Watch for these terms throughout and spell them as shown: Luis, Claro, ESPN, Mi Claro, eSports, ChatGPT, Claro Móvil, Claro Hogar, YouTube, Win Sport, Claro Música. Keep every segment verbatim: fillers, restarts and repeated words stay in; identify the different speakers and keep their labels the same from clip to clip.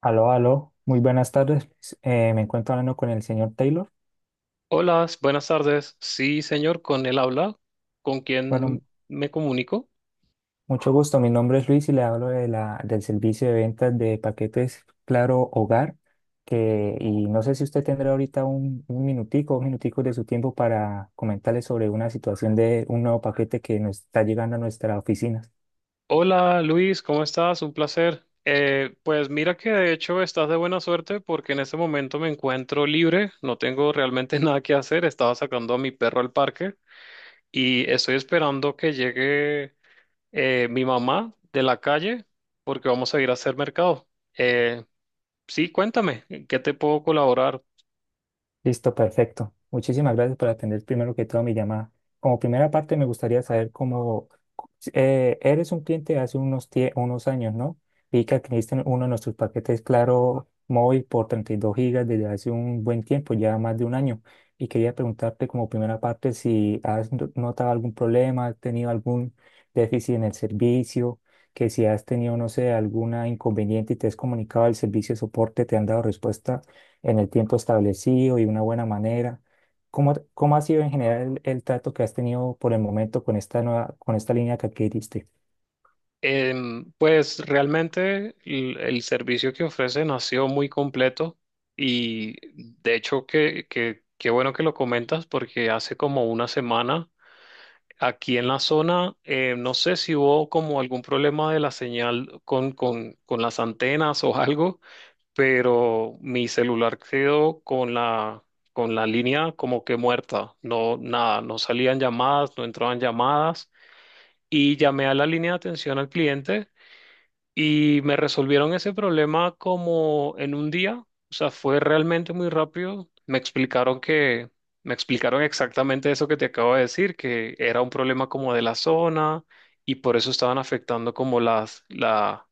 Speaker 1: Aló, aló, muy buenas tardes. Pues, Eh, me encuentro hablando con el señor Taylor.
Speaker 2: Hola, buenas tardes. Sí, señor, con él habla. ¿Con
Speaker 1: Bueno,
Speaker 2: quién me comunico?
Speaker 1: mucho gusto. Mi nombre es Luis y le hablo de la, del servicio de ventas de paquetes Claro Hogar. Que, y no sé si usted tendrá ahorita un, un minutico, dos minuticos de su tiempo para comentarle sobre una situación de un nuevo paquete que nos está llegando a nuestra oficina.
Speaker 2: Hola, Luis, ¿cómo estás? Un placer. Eh, pues mira que de hecho estás de buena suerte porque en este momento me encuentro libre, no tengo realmente nada que hacer. Estaba sacando a mi perro al parque y estoy esperando que llegue eh, mi mamá de la calle porque vamos a ir a hacer mercado. Eh, sí, cuéntame, ¿en ¿qué te puedo colaborar?
Speaker 1: Listo, perfecto. Muchísimas gracias por atender primero que todo mi llamada. Como primera parte, me gustaría saber cómo eh, eres un cliente de hace unos, tie- unos años, ¿no? Vi que adquiriste uno de nuestros paquetes Claro Móvil por treinta y dos gigas desde hace un buen tiempo, ya más de un año. Y quería preguntarte como primera parte si has no- notado algún problema, has tenido algún déficit en el servicio, que si has tenido, no sé, alguna inconveniente y te has comunicado al servicio de soporte, te han dado respuesta en el tiempo establecido y de una buena manera. ¿Cómo, cómo ha sido en general el, el trato que has tenido por el momento con esta nueva, con esta línea que adquiriste?
Speaker 2: Em, pues realmente el, el servicio que ofrecen ha sido muy completo y de hecho que, que, qué bueno que lo comentas porque hace como una semana aquí en la zona eh, no sé si hubo como algún problema de la señal con, con, con las antenas o algo, pero mi celular quedó con la, con la línea como que muerta, no nada, no salían llamadas, no entraban llamadas y llamé a la línea de atención al cliente y me resolvieron ese problema como en un día, o sea, fue realmente muy rápido. Me explicaron que, me explicaron exactamente eso que te acabo de decir, que era un problema como de la zona y por eso estaban afectando como las, la,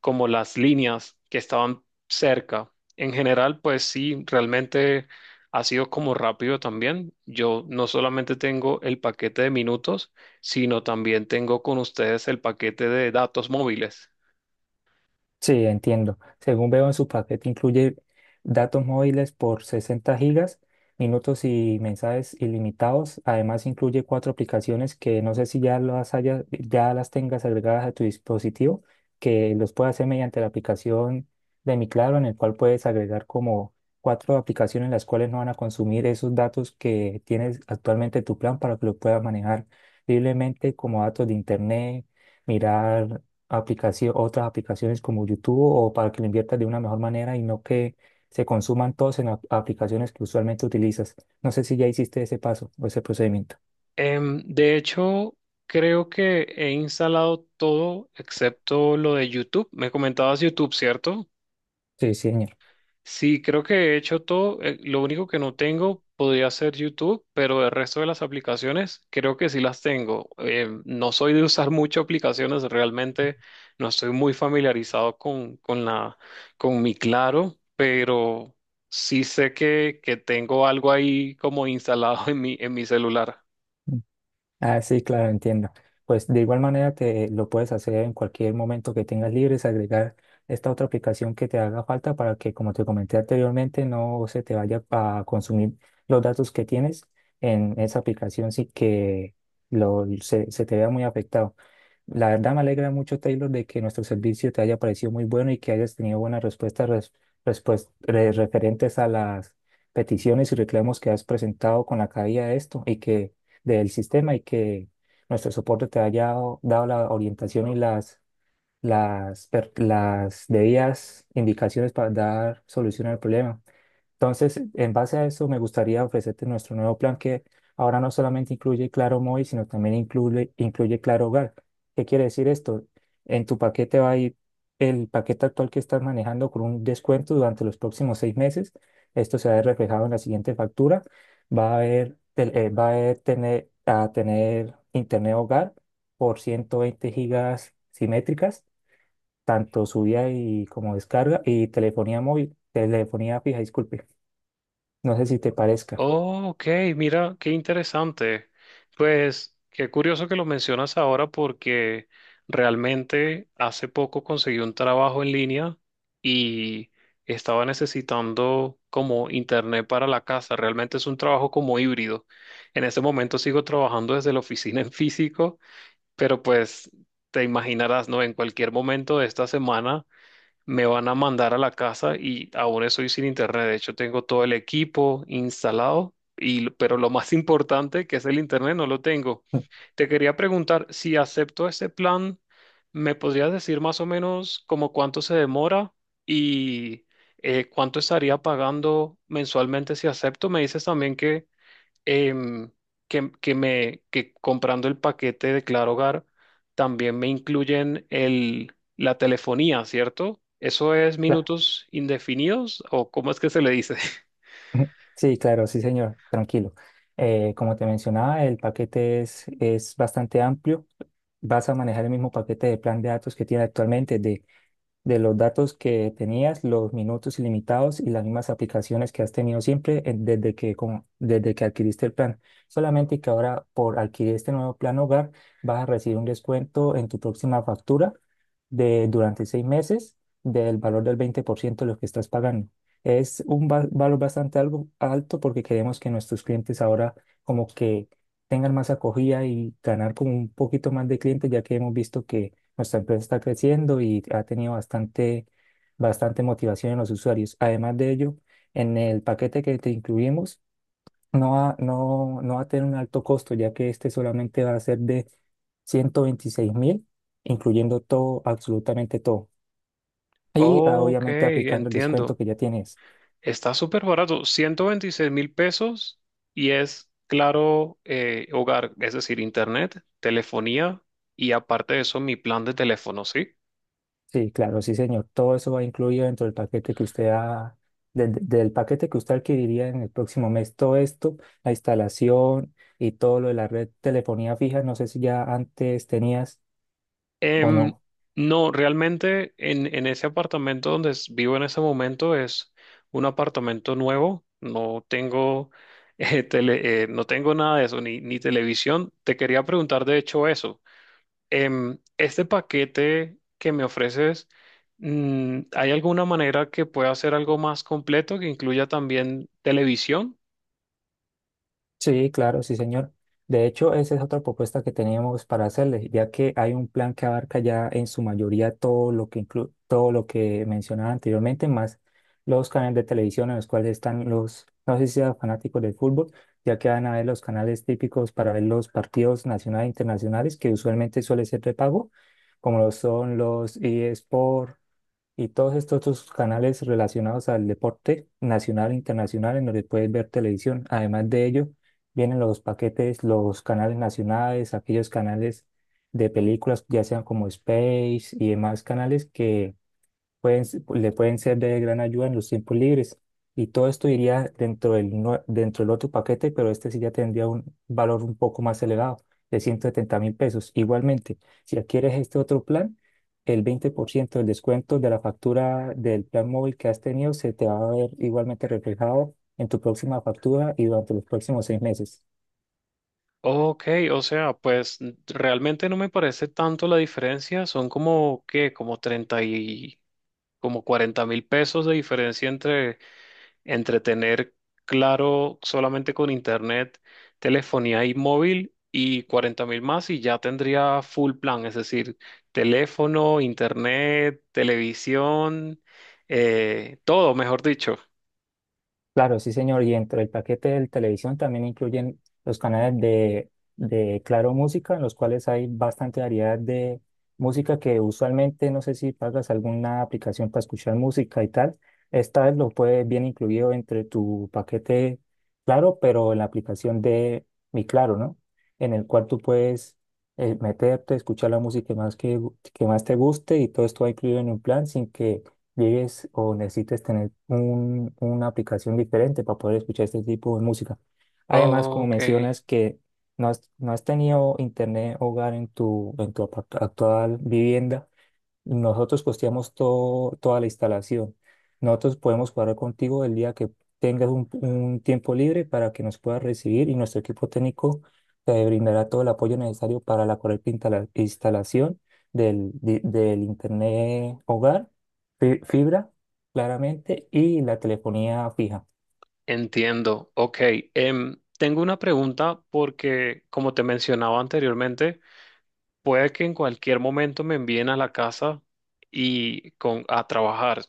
Speaker 2: como las líneas que estaban cerca. En general, pues sí, realmente ha sido como rápido también. Yo no solamente tengo el paquete de minutos, sino también tengo con ustedes el paquete de datos móviles.
Speaker 1: Sí, entiendo. Según veo en su paquete, incluye datos móviles por sesenta gigas, minutos y mensajes ilimitados. Además, incluye cuatro aplicaciones que no sé si ya las hayas, ya las tengas agregadas a tu dispositivo, que los puedes hacer mediante la aplicación de Mi Claro, en el cual puedes agregar como cuatro aplicaciones las cuales no van a consumir esos datos que tienes actualmente en tu plan para que lo puedas manejar libremente como datos de internet, mirar aplicación, otras aplicaciones como YouTube, o para que lo inviertas de una mejor manera y no que se consuman todos en ap- aplicaciones que usualmente utilizas. No sé si ya hiciste ese paso o ese procedimiento.
Speaker 2: Em, de hecho, creo que he instalado todo excepto lo de YouTube. Me comentabas YouTube, ¿cierto?
Speaker 1: Sí, sí, señor.
Speaker 2: Sí, creo que he hecho todo. Eh, lo único que no tengo podría ser YouTube, pero el resto de las aplicaciones creo que sí las tengo. Em, no soy de usar mucho aplicaciones, realmente no estoy muy familiarizado con, con la, con mi Claro, pero sí sé que, que tengo algo ahí como instalado en mi, en mi celular.
Speaker 1: Ah, sí, claro, entiendo. Pues de igual manera te lo puedes hacer en cualquier momento que tengas libre, es agregar esta otra aplicación que te haga falta para que, como te comenté anteriormente, no se te vaya a consumir los datos que tienes en esa aplicación, sí que lo, se, se te vea muy afectado. La verdad me alegra mucho, Taylor, de que nuestro servicio te haya parecido muy bueno y que hayas tenido buenas respuestas res- respues- re- referentes a las peticiones y reclamos que has presentado con la caída de esto y que del sistema y que nuestro soporte te haya dado dado la orientación y las, las, per- las debidas indicaciones para dar solución al problema. Entonces, en base a eso, me gustaría ofrecerte nuestro nuevo plan que ahora no solamente incluye Claro Móvil, sino también incluye, incluye Claro Hogar. ¿Qué quiere decir esto? En tu paquete va a ir el paquete actual que estás manejando con un descuento durante los próximos seis meses. Esto se va a ver reflejado en la siguiente factura. Va a haber, tel- eh, va a haber tener, A tener internet hogar por ciento veinte gigas simétricas, tanto subida y como descarga, y telefonía móvil, telefonía fija, disculpe. No sé si te parezca.
Speaker 2: Oh, ok, mira, qué interesante. Pues qué curioso que lo mencionas ahora porque realmente hace poco conseguí un trabajo en línea y estaba necesitando como internet para la casa. Realmente es un trabajo como híbrido. En este momento sigo trabajando desde la oficina en físico, pero pues te imaginarás, ¿no? En cualquier momento de esta semana me van a mandar a la casa y aún estoy sin internet. De hecho, tengo todo el equipo instalado, y, pero lo más importante, que es el internet, no lo tengo. Te quería preguntar, si acepto ese plan, ¿me podrías decir más o menos como cuánto se demora y eh, cuánto estaría pagando mensualmente si acepto? Me dices también que em, que, que me, que comprando el paquete de Claro Hogar también me incluyen el, la telefonía, ¿cierto? ¿Eso es
Speaker 1: Cla-
Speaker 2: minutos indefinidos o cómo es que se le dice?
Speaker 1: Sí, claro, sí, señor, tranquilo. Eh, como te mencionaba, el paquete es, es bastante amplio. Vas a manejar el mismo paquete de plan de datos que tiene actualmente de de los datos que tenías, los minutos ilimitados y las mismas aplicaciones que has tenido siempre en- desde que, como- desde que adquiriste el plan. Solamente que ahora por adquirir este nuevo plan hogar vas a recibir un descuento en tu próxima factura de durante seis meses del valor del veinte por ciento de lo que estás pagando. Es un va- valor bastante algo alto porque queremos que nuestros clientes ahora como que tengan más acogida y ganar como un poquito más de clientes, ya que hemos visto que nuestra empresa está creciendo y ha tenido bastante, bastante motivación en los usuarios. Además de ello, en el paquete que te incluimos, no va, no, no va a tener un alto costo, ya que este solamente va a ser de ciento veintiséis mil, incluyendo todo, absolutamente todo. Y ah,
Speaker 2: Ok,
Speaker 1: obviamente aplicando el
Speaker 2: entiendo.
Speaker 1: descuento que ya tienes.
Speaker 2: Está súper barato, ciento veintiséis mil pesos y es Claro eh, Hogar, es decir, internet, telefonía y aparte de eso mi plan de teléfono, ¿sí?
Speaker 1: Sí, claro, sí, señor. Todo eso va incluido dentro del paquete que usted ha, del, del paquete que usted adquiriría en el próximo mes. Todo esto, la instalación y todo lo de la red telefonía fija, no sé si ya antes tenías o
Speaker 2: Em,
Speaker 1: no.
Speaker 2: no, realmente en, en ese apartamento donde s- vivo en ese momento es un apartamento nuevo. No tengo, eh, tele- eh, no tengo nada de eso, ni, ni televisión. Te quería preguntar de hecho eso. Em, este paquete que me ofreces, mm, ¿hay alguna manera que pueda hacer algo más completo que incluya también televisión?
Speaker 1: Sí, claro, sí, señor. De hecho, esa es otra propuesta que teníamos para hacerles, ya que hay un plan que abarca ya en su mayoría todo lo que inclu- todo lo que mencionaba anteriormente, más los canales de televisión en los cuales están los, no sé si sean fanáticos del fútbol, ya que van a ver los canales típicos para ver los partidos nacionales e internacionales, que usualmente suele ser de pago, como lo son los eSports y todos estos otros canales relacionados al deporte nacional e internacional en donde puedes ver televisión. Además de ello, vienen los paquetes, los canales nacionales, aquellos canales de películas, ya sean como Space y demás canales que pueden, se- le pueden ser de gran ayuda en los tiempos libres. Y todo esto iría dentro del, nue- dentro del otro paquete, pero este sí ya tendría un valor un poco más elevado, de ciento setenta mil pesos. Igualmente, si adquieres este otro plan, el veinte por ciento del descuento de la factura del plan móvil que has tenido se te va a ver igualmente reflejado en tu próxima factura y durante los próximos seis meses.
Speaker 2: Ok, o sea, pues n- realmente no me parece tanto la diferencia, son como que como treinta y como cuarenta mil pesos de diferencia entre, entre tener Claro solamente con internet, telefonía y móvil y cuarenta mil más y ya tendría full plan, es decir, teléfono, internet, televisión, eh, todo, mejor dicho.
Speaker 1: Claro, sí, señor. Y dentro del paquete de televisión también incluyen los canales de, de Claro Música, en los cuales hay bastante variedad de música que usualmente, no sé si pagas alguna aplicación para escuchar música y tal. Esta vez lo puedes bien incluido entre tu paquete Claro, pero en la aplicación de Mi Claro, ¿no? En el cual tú puedes eh, meterte, escuchar la música que más, que, que más te guste y todo esto va incluido en un plan sin que llegues o necesites tener un- una aplicación diferente para poder escuchar este tipo de música. Además, como
Speaker 2: Ok,
Speaker 1: mencionas que no has, no has tenido internet hogar en tu, en tu apa- actual vivienda, nosotros costeamos todo, toda la instalación. Nosotros podemos cuadrar contigo el día que tengas un, un tiempo libre para que nos puedas recibir y nuestro equipo técnico te brindará todo el apoyo necesario para la correcta instala- instalación del, di- del internet hogar, fi- fibra, claramente, y la telefonía fija.
Speaker 2: entiendo. Ok, em, tengo una pregunta porque, como te mencionaba anteriormente, puede que en cualquier momento me envíen a la casa y con, a trabajar.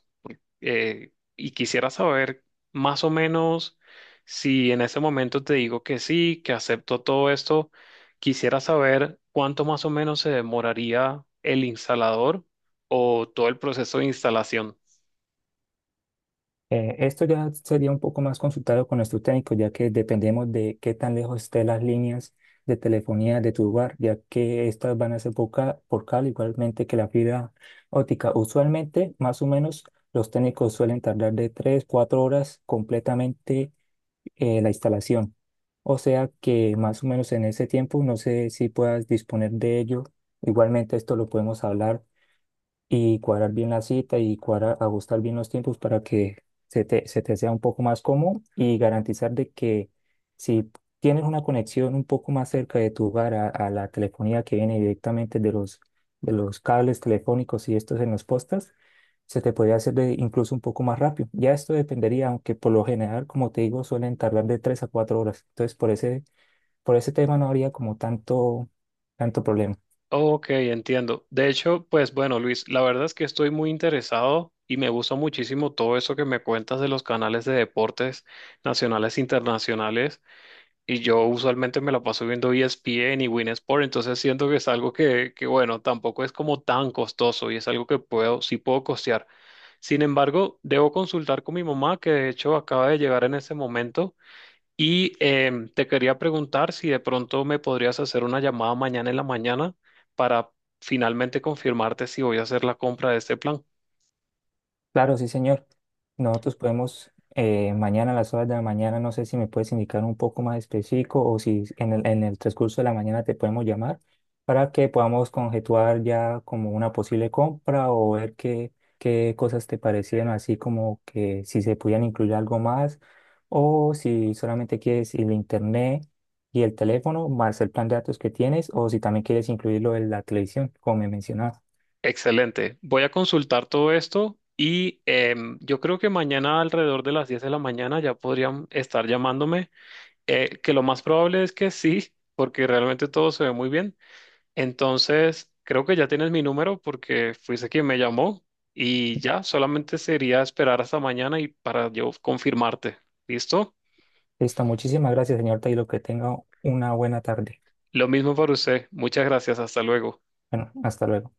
Speaker 2: Eh, y quisiera saber más o menos si en ese momento te digo que sí, que acepto todo esto, quisiera saber cuánto más o menos se demoraría el instalador o todo el proceso de instalación.
Speaker 1: Eh, esto ya sería un poco más consultado con nuestro técnico, ya que dependemos de qué tan lejos estén las líneas de telefonía de tu lugar, ya que estas van a ser por ca- por cable, igualmente que la fibra óptica. Usualmente, más o menos, los técnicos suelen tardar de tres cuatro horas completamente eh, la instalación. O sea que más o menos en ese tiempo, no sé si puedas disponer de ello. Igualmente, esto lo podemos hablar y cuadrar bien la cita y cuadrar, ajustar bien los tiempos para que se te, se te sea un poco más cómodo y garantizar de que si tienes una conexión un poco más cerca de tu hogar a, a la telefonía que viene directamente de los, de los cables telefónicos y estos en los postas, se te podría hacer de- incluso un poco más rápido. Ya esto dependería, aunque por lo general, como te digo, suelen tardar de tres a cuatro horas. Entonces, por ese, por ese tema no habría como tanto, tanto problema.
Speaker 2: Ok, entiendo. De hecho, pues bueno, Luis, la verdad es que estoy muy interesado y me gusta muchísimo todo eso que me cuentas de los canales de deportes nacionales e internacionales. Y yo usualmente me la paso viendo E S P N y Win Sport, entonces siento que es algo que, que, bueno, tampoco es como tan costoso y es algo que puedo, sí puedo costear. Sin embargo, debo consultar con mi mamá, que de hecho acaba de llegar en ese momento, y em, te quería preguntar si de pronto me podrías hacer una llamada mañana en la mañana para finalmente confirmarte si voy a hacer la compra de este plan.
Speaker 1: Claro, sí, señor. Nosotros podemos eh, mañana a las horas de la mañana, no sé si me puedes indicar un poco más específico o si en el, en el transcurso de la mañana te podemos llamar para que podamos conjetuar ya como una posible compra o ver qué, qué cosas te parecieron, así como que si se pudieran incluir algo más o si solamente quieres el internet y el teléfono más el plan de datos que tienes o si también quieres incluirlo en la televisión, como me mencionabas.
Speaker 2: Excelente. Voy a consultar todo esto y em, yo creo que mañana alrededor de las diez de la mañana ya podrían estar llamándome, eh, que lo más probable es que sí, porque realmente todo se ve muy bien. Entonces, creo que ya tienes mi número porque fuiste quien me llamó y ya solamente sería esperar hasta mañana y para yo confirmarte. ¿Listo?
Speaker 1: Listo, muchísimas gracias, señor Taylor. Que tenga una buena tarde.
Speaker 2: Lo mismo para usted. Muchas gracias. Hasta luego.
Speaker 1: Bueno, hasta luego.